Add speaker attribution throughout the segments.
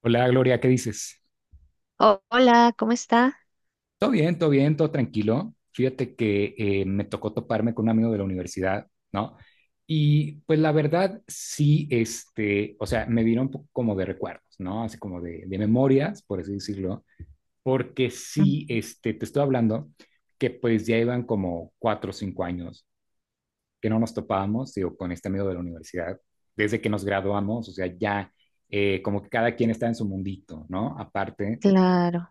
Speaker 1: Hola Gloria, ¿qué dices?
Speaker 2: Hola, ¿cómo está?
Speaker 1: Todo bien, todo bien, todo tranquilo. Fíjate que me tocó toparme con un amigo de la universidad, ¿no? Y pues la verdad sí, este, o sea, me vino un poco como de recuerdos, ¿no? Así como de memorias, por así decirlo, porque sí, este, te estoy hablando que pues ya iban como 4 o 5 años que no nos topábamos, digo, con este amigo de la universidad, desde que nos graduamos, o sea, ya como que cada quien está en su mundito, ¿no? Aparte.
Speaker 2: Claro,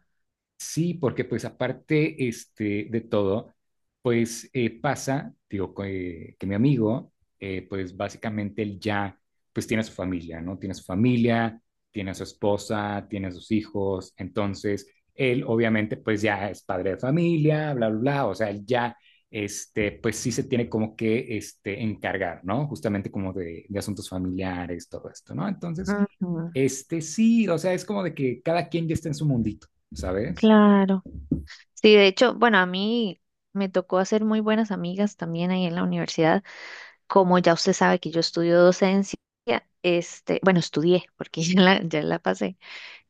Speaker 1: Sí, porque pues aparte este, de todo, pues pasa, digo, que mi amigo, pues básicamente él ya, pues tiene a su familia, ¿no? Tiene a su familia, tiene a su esposa, tiene a sus hijos, entonces él obviamente pues ya es padre de familia, bla, bla, bla, o sea, él ya, este, pues sí se tiene como que, este, encargar, ¿no? Justamente como de asuntos familiares, todo esto, ¿no? Entonces,
Speaker 2: ujú,
Speaker 1: este, sí, o sea, es como de que cada quien ya está en su mundito. ¿Sabes?
Speaker 2: claro. Sí, de hecho, bueno, a mí me tocó hacer muy buenas amigas también ahí en la universidad. Como ya usted sabe que yo estudio docencia, este, bueno, estudié porque ya la pasé.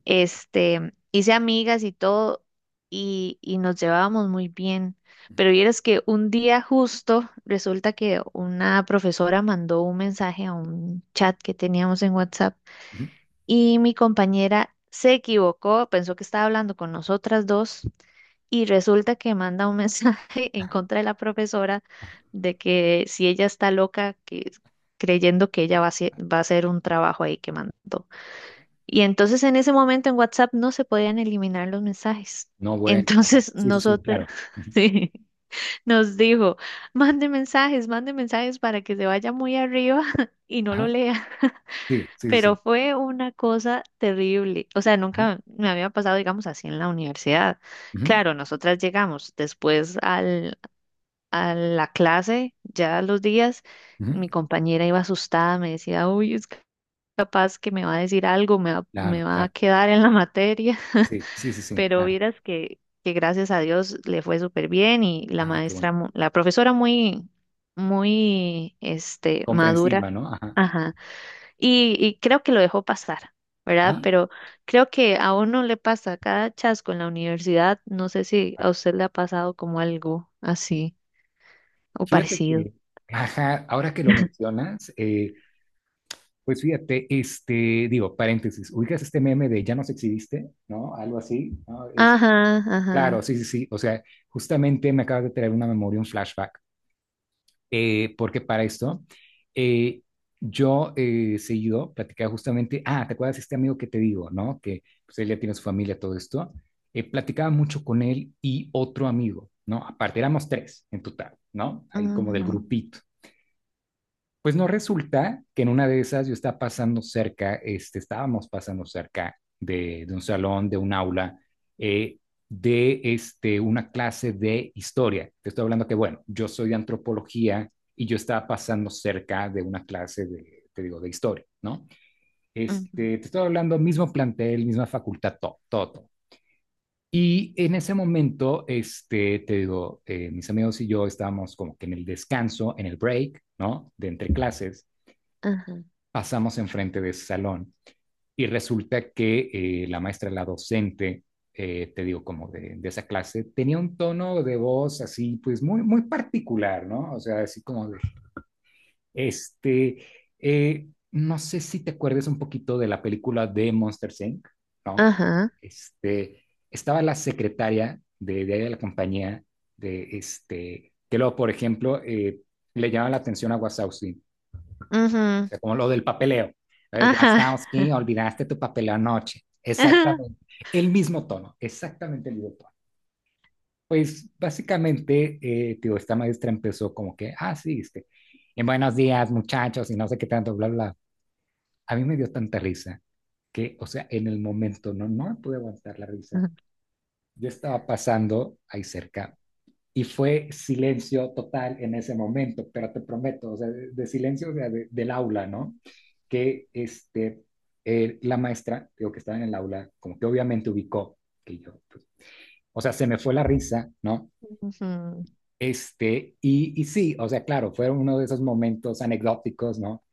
Speaker 2: Este, hice amigas y todo y nos llevábamos muy bien.
Speaker 1: Ujú,
Speaker 2: Pero vieras que un día justo resulta que una profesora mandó un mensaje a un chat que teníamos en WhatsApp
Speaker 1: ujú,
Speaker 2: y mi compañera se equivocó, pensó que estaba hablando con nosotras dos y resulta que manda un mensaje en contra de la profesora
Speaker 1: ajá.
Speaker 2: de que si ella está loca, que creyendo que ella va a hacer un trabajo ahí que mandó. Y entonces en ese momento en WhatsApp no se podían eliminar los mensajes.
Speaker 1: No, bueno, ajá.
Speaker 2: Entonces
Speaker 1: Sí, sí, sí,
Speaker 2: nosotros
Speaker 1: claro. Ujú,
Speaker 2: sí, nos dijo, mande mensajes para que se vaya muy arriba y no lo
Speaker 1: ajá.
Speaker 2: lea.
Speaker 1: Sí, sí, sí,
Speaker 2: Pero
Speaker 1: sí.
Speaker 2: fue una cosa terrible. O sea,
Speaker 1: Ajá.
Speaker 2: nunca me había pasado, digamos, así en la universidad.
Speaker 1: Ujú,
Speaker 2: Claro, nosotras llegamos después a la clase, ya los días, mi
Speaker 1: ujú,
Speaker 2: compañera iba asustada, me decía, uy, es capaz que me va a decir algo, me va,
Speaker 1: claro,
Speaker 2: me va a
Speaker 1: claro.
Speaker 2: quedar en la materia.
Speaker 1: Sí, sí, sí, sí,
Speaker 2: Pero
Speaker 1: claro.
Speaker 2: vieras que gracias a Dios le fue súper bien y la
Speaker 1: Ah, qué bueno.
Speaker 2: maestra, la profesora muy, muy, este,
Speaker 1: Comprensiva,
Speaker 2: madura.
Speaker 1: ¿no? Ajá.
Speaker 2: Ajá. Y creo que lo dejó pasar, ¿verdad?
Speaker 1: Ajá.
Speaker 2: Pero creo que a uno le pasa cada chasco en la universidad. No sé si
Speaker 1: Ah,
Speaker 2: a usted le ha pasado como algo así o
Speaker 1: fíjate
Speaker 2: parecido.
Speaker 1: que, ajá, ahora que lo mencionas, pues fíjate, este, digo, paréntesis, ubicas este meme de ya nos exhibiste, ¿no? Algo así, ¿no? Es,
Speaker 2: Ajá,
Speaker 1: claro,
Speaker 2: ajá,
Speaker 1: sí, sí, sí. O sea, justamente me acabas de traer una memoria, un flashback. Porque para esto eh, yo seguido platicaba justamente, ah, ¿te acuerdas de este amigo que te digo, no? Que pues él ya tiene su familia, todo esto. Platicaba mucho con él y otro amigo, ¿no? Aparte éramos tres en total, ¿no? Ahí como del
Speaker 2: ajá,
Speaker 1: grupito. Pues no resulta que en una de esas yo estaba pasando cerca, este, estábamos pasando cerca de un salón, de un aula, eh, de este, una clase de historia. Te estoy hablando que, bueno, yo soy de antropología y yo estaba pasando cerca de una clase de, te digo, de historia, ¿no?
Speaker 2: ajá,
Speaker 1: Este, te estoy hablando mismo plantel, misma facultad, todo, todo, todo. Y en ese momento, este, te digo, mis amigos y yo estábamos como que en el descanso, en el break, ¿no? De entre clases pasamos enfrente de ese salón y resulta que la maestra, la docente, te digo, como de esa clase, tenía un tono de voz así, pues muy, muy particular, ¿no? O sea, así como de, este, no sé si te acuerdas un poquito de la película de Monster Inc., ¿no?
Speaker 2: ajá,
Speaker 1: Este, estaba la secretaria de la compañía, de este, que luego, por ejemplo, le llamaba la atención a Wasowski, o
Speaker 2: ajá,
Speaker 1: sea, como lo del papeleo.
Speaker 2: ajá,
Speaker 1: Wazowski, olvidaste tu papeleo anoche.
Speaker 2: ajá.
Speaker 1: Exactamente. El mismo tono, exactamente el mismo tono. Pues básicamente, tío, esta maestra empezó como que, ah, sí, este, en buenos días, muchachos, y no sé qué tanto, bla, bla. A mí me dio tanta risa que, o sea, en el momento no me pude aguantar la risa. Yo estaba pasando ahí cerca y fue silencio total en ese momento, pero te prometo, o sea, de silencio o sea, de, del aula, ¿no? Que este, la maestra, digo, que estaba en el aula, como que obviamente ubicó que yo, pues, o sea, se me fue la risa, ¿no?
Speaker 2: Ujú,
Speaker 1: Este, y sí, o sea, claro, fueron uno de esos momentos anecdóticos, ¿no?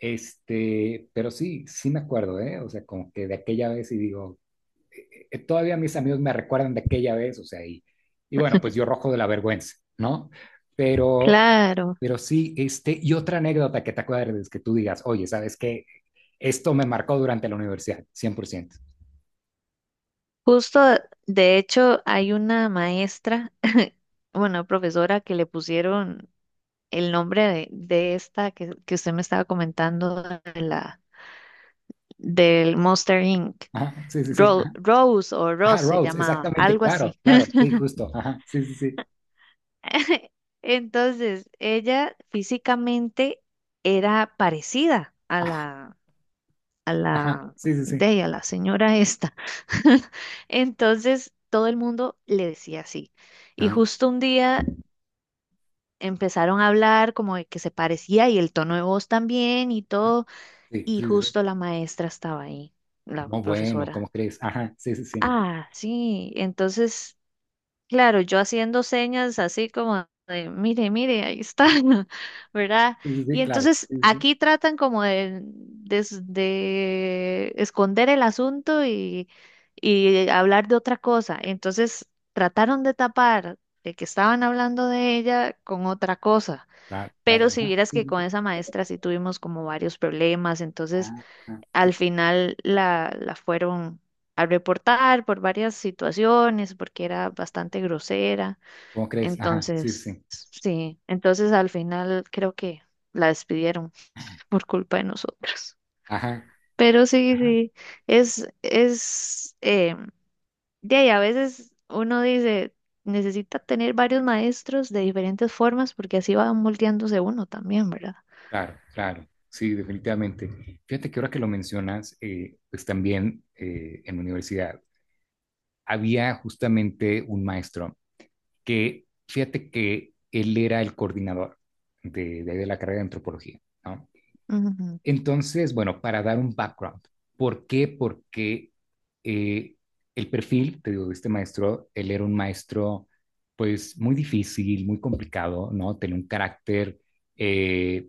Speaker 1: Este, pero sí, sí me acuerdo, ¿eh? O sea, como que de aquella vez y digo, todavía mis amigos me recuerdan de aquella vez, o sea, y bueno, pues yo rojo de la vergüenza, ¿no? Pero
Speaker 2: claro,
Speaker 1: pero sí, este, y otra anécdota que te acuerdes, que tú digas, oye, ¿sabes qué? Esto me marcó durante la universidad, 100%.
Speaker 2: justo de hecho hay una maestra, bueno, profesora que le pusieron el nombre de esta que usted me estaba comentando, del Monster Inc.
Speaker 1: Ajá, sí, sí, sí. Ajá,
Speaker 2: Rose o
Speaker 1: ajá,
Speaker 2: Rose se
Speaker 1: Rhodes,
Speaker 2: llamaba,
Speaker 1: exactamente,
Speaker 2: algo
Speaker 1: claro,
Speaker 2: así.
Speaker 1: claro, sí, justo. Ajá, sí, sí, sí.
Speaker 2: Entonces, ella físicamente era parecida a la, a
Speaker 1: Ajá,
Speaker 2: la,
Speaker 1: sí, sí, sí.
Speaker 2: de ella, la señora esta. Entonces, todo el mundo le decía así. Y
Speaker 1: Ajá,
Speaker 2: justo un día empezaron a hablar como de que se parecía y el tono de voz también y
Speaker 1: ajá,
Speaker 2: todo.
Speaker 1: sí,
Speaker 2: Y
Speaker 1: sí, sí. Sí.
Speaker 2: justo la maestra estaba ahí, la
Speaker 1: No, bueno, ¿cómo
Speaker 2: profesora.
Speaker 1: crees? Ajá, sí, sí, sí.
Speaker 2: Ah, sí. Entonces, claro, yo haciendo señas así como de, mire, mire, ahí está,
Speaker 1: Ajá,
Speaker 2: ¿verdad?
Speaker 1: sí, sí,
Speaker 2: Y
Speaker 1: sí, claro.
Speaker 2: entonces
Speaker 1: Sí, sí, sí.
Speaker 2: aquí tratan como de esconder el asunto y hablar de otra cosa. Entonces, trataron de tapar de que estaban hablando de ella con otra cosa.
Speaker 1: Claro, claro,
Speaker 2: Pero si
Speaker 1: ajá.
Speaker 2: vieras
Speaker 1: Sí,
Speaker 2: que
Speaker 1: sí,
Speaker 2: con
Speaker 1: sí.
Speaker 2: esa maestra sí tuvimos como varios problemas, entonces.
Speaker 1: Ajá, ajá, sí.
Speaker 2: Al final la fueron a reportar por varias situaciones, porque era bastante grosera.
Speaker 1: ¿Cómo crees? Ajá, sí,
Speaker 2: Entonces,
Speaker 1: sí. Sí.
Speaker 2: sí, entonces al final creo que la despidieron por culpa de nosotros.
Speaker 1: Ajá.
Speaker 2: Pero sí, sí, es, es, eh, de ahí a veces uno dice, necesita tener varios maestros de diferentes formas, porque así va moldeándose uno también, ¿verdad?
Speaker 1: Claro, claro, sí, definitivamente. Fíjate que ahora que lo mencionas, pues también en la universidad había justamente un maestro que, fíjate que él era el coordinador de ahí de la carrera de antropología, ¿no?
Speaker 2: Ujú,
Speaker 1: Entonces, bueno, para dar un background, ¿por qué? Porque eh, el perfil, te digo, de este maestro, él era un maestro pues muy difícil, muy complicado, ¿no? Tenía un carácter... eh,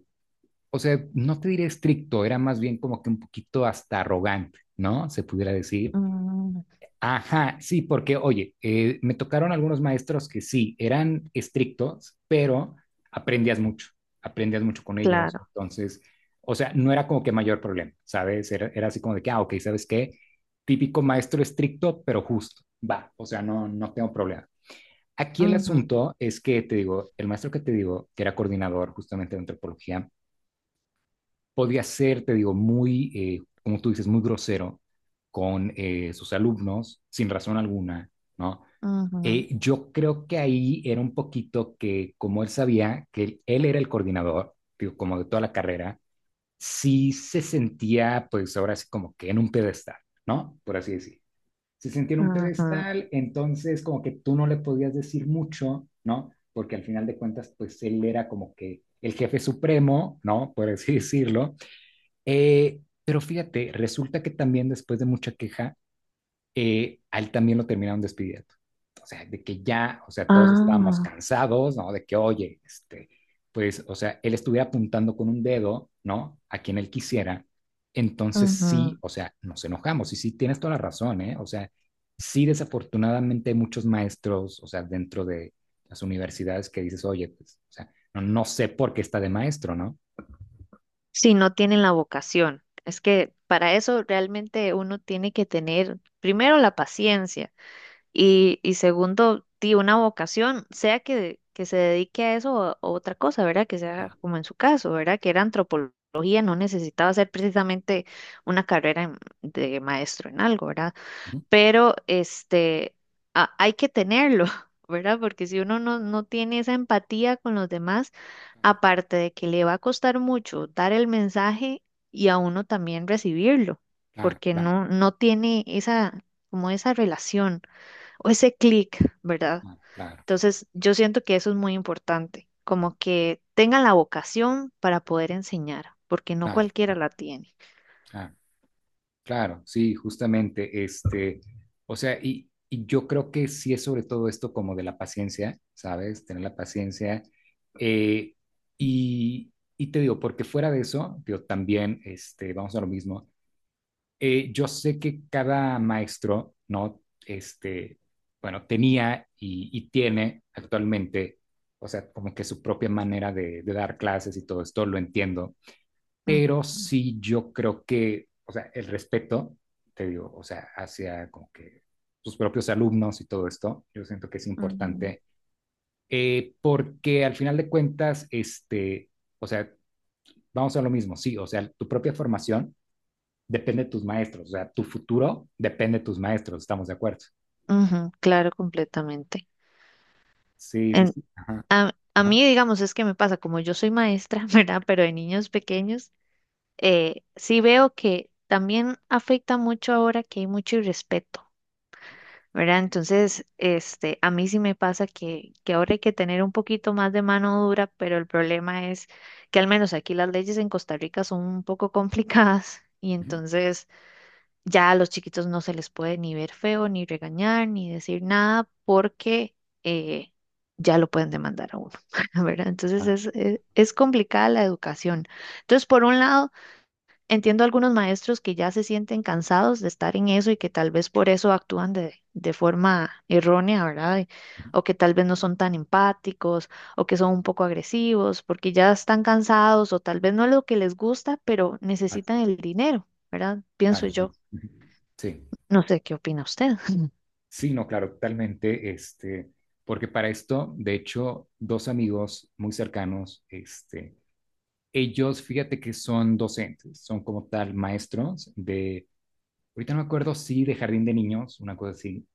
Speaker 1: o sea, no te diré estricto, era más bien como que un poquito hasta arrogante, ¿no? Se pudiera decir.
Speaker 2: ujú,
Speaker 1: Ajá, sí, porque, oye, me tocaron algunos maestros que sí, eran estrictos, pero aprendías mucho, aprendías mucho con ellos.
Speaker 2: claro.
Speaker 1: Entonces, o sea, no era como que mayor problema, ¿sabes? Era, era así como de que, ah, ok, ¿sabes qué? Típico maestro estricto, pero justo, va, o sea, no tengo problema. Aquí el
Speaker 2: Ujú,
Speaker 1: asunto es que, te digo, el maestro que te digo, que era coordinador justamente de antropología, podía ser, te digo, muy, como tú dices, muy grosero con sus alumnos, sin razón alguna, ¿no?
Speaker 2: ujú,
Speaker 1: Yo creo que ahí era un poquito que, como él sabía que él era el coordinador, digo, como de toda la carrera, sí se sentía, pues ahora sí, como que en un pedestal, ¿no? Por así decir. Se sentía en un
Speaker 2: ujú.
Speaker 1: pedestal, entonces como que tú no le podías decir mucho, ¿no? Porque al final de cuentas, pues él era como que el jefe supremo, ¿no? Por así decirlo. Pero fíjate, resulta que también después de mucha queja, a él también lo terminaron despidiendo. O sea, de que ya, o sea, todos estábamos
Speaker 2: Ah,
Speaker 1: cansados, ¿no? De que, oye, este, pues, o sea, él estuviera apuntando con un dedo, ¿no? A quien él quisiera. Entonces
Speaker 2: ujú.
Speaker 1: sí, o sea, nos enojamos y sí, tienes toda la razón, ¿eh? O sea, sí, desafortunadamente hay muchos maestros, o sea, dentro de las universidades que dices, oye, pues, o sea, no sé por qué está de maestro, ¿no?
Speaker 2: Si no tienen la vocación. Es que para eso realmente uno tiene que tener primero la paciencia y segundo, di una vocación, sea que se dedique a eso o a otra cosa, ¿verdad? Que
Speaker 1: Claro,
Speaker 2: sea como en su caso, ¿verdad? Que era antropología, no necesitaba ser precisamente una carrera de maestro en algo, ¿verdad?
Speaker 1: ujú,
Speaker 2: Pero este, hay que tenerlo, ¿verdad? Porque si uno no tiene esa empatía con los demás,
Speaker 1: claro.
Speaker 2: aparte de que le va a costar mucho dar el mensaje y a uno también recibirlo,
Speaker 1: Claro,
Speaker 2: porque
Speaker 1: claro.
Speaker 2: no tiene esa, como esa relación o ese clic, ¿verdad?
Speaker 1: Ah, claro,
Speaker 2: Entonces, yo siento que eso es muy importante, como que tengan la vocación para poder enseñar, porque no
Speaker 1: claro,
Speaker 2: cualquiera
Speaker 1: claro,
Speaker 2: la tiene.
Speaker 1: claro, claro, sí, justamente, este, o sea, y yo creo que sí es sobre todo esto como de la paciencia, ¿sabes? Tener la paciencia. eh, y, y te digo, porque fuera de eso, yo también, este, vamos a lo mismo, yo sé que cada maestro, ¿no? Este, bueno, tenía y tiene actualmente, o sea, como que su propia manera de dar clases y todo esto, lo entiendo,
Speaker 2: Ujú,
Speaker 1: pero sí yo creo que, o sea, el respeto, te digo, o sea, hacia como que sus propios alumnos y todo esto, yo siento que es
Speaker 2: ujú,
Speaker 1: importante, porque al final de cuentas, este, o sea, vamos a lo mismo, sí, o sea, tu propia formación depende de tus maestros, o sea, tu futuro depende de tus maestros, estamos de acuerdo.
Speaker 2: ujú, claro, completamente.
Speaker 1: Sí, sí, sí. Ajá,
Speaker 2: A
Speaker 1: ajá,
Speaker 2: mí, digamos, es que me pasa, como yo soy maestra, ¿verdad? Pero de niños pequeños, sí veo que también afecta mucho ahora que hay mucho irrespeto, ¿verdad? Entonces, este, a mí sí me pasa que ahora hay que tener un poquito más de mano dura, pero el problema es que al menos aquí las leyes en Costa Rica son un poco complicadas y
Speaker 1: ujú,
Speaker 2: entonces ya a los chiquitos no se les puede ni ver feo, ni regañar, ni decir nada, porque eh, ya lo pueden demandar a uno, ¿verdad? Entonces
Speaker 1: ajá,
Speaker 2: es, es complicada la educación. Entonces, por un lado, entiendo a algunos maestros que ya se sienten cansados de estar en eso y que tal vez por eso actúan de forma errónea, ¿verdad?
Speaker 1: ujú.
Speaker 2: O que tal vez no son tan empáticos o que son un poco agresivos porque ya están cansados o tal vez no es lo que les gusta, pero
Speaker 1: Ah,
Speaker 2: necesitan el dinero, ¿verdad? Pienso
Speaker 1: claro, sí.
Speaker 2: yo.
Speaker 1: Ujú. Sí.
Speaker 2: No sé qué opina usted.
Speaker 1: Sí, no, claro, totalmente, este, porque para esto, de hecho, dos amigos muy cercanos, este, ellos, fíjate que son docentes, son como tal maestros de, ahorita no me acuerdo si de jardín de niños, una cosa así,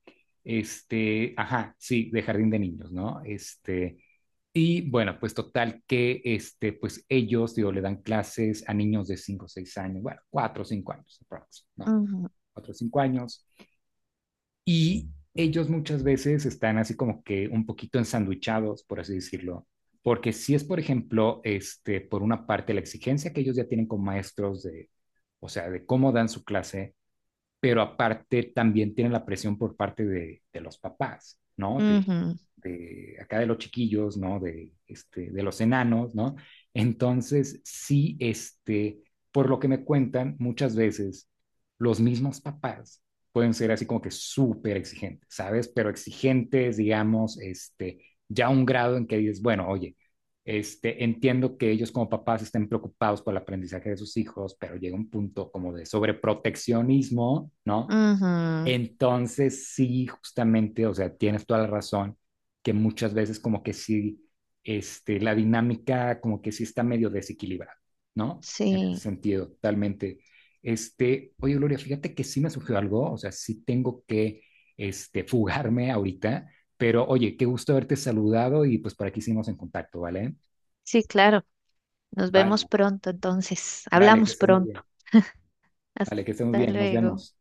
Speaker 1: este, ajá, sí, de jardín de niños, ¿no? Este, y bueno, pues total que, este, pues ellos, digo, le dan clases a niños de cinco, o 6 años, bueno, 4 o 5 años, aprox, ¿no?
Speaker 2: Ujú,
Speaker 1: 4 o 5 años y ellos muchas veces están así como que un poquito ensanduchados, por así decirlo, porque si es, por ejemplo, este, por una parte la exigencia que ellos ya tienen con maestros de, o sea, de cómo dan su clase, pero aparte también tienen la presión por parte de los papás, ¿no?
Speaker 2: ujú,
Speaker 1: De acá de los chiquillos, ¿no? De, este, de los enanos, ¿no? Entonces, sí, este, por lo que me cuentan, muchas veces los mismos papás pueden ser así como que súper exigentes, ¿sabes? Pero exigentes, digamos, este, ya a un grado en que dices, bueno, oye, este, entiendo que ellos como papás estén preocupados por el aprendizaje de sus hijos, pero llega un punto como de sobreproteccionismo, ¿no?
Speaker 2: ujú.
Speaker 1: Entonces sí, justamente, o sea, tienes toda la razón, que muchas veces como que sí, este, la dinámica como que sí está medio desequilibrada, ¿no? En ese
Speaker 2: Sí,
Speaker 1: sentido, totalmente. Este, oye, Gloria, fíjate que sí me surgió algo, o sea, sí tengo que, este, fugarme ahorita, pero oye, qué gusto haberte saludado y pues por aquí seguimos en contacto, ¿vale?
Speaker 2: sí, claro. Nos vemos
Speaker 1: Vale,
Speaker 2: pronto, entonces.
Speaker 1: vale, que
Speaker 2: Hablamos
Speaker 1: estés muy
Speaker 2: pronto.
Speaker 1: bien. Vale, que estés muy
Speaker 2: Hasta
Speaker 1: bien. Nos
Speaker 2: luego.
Speaker 1: vemos.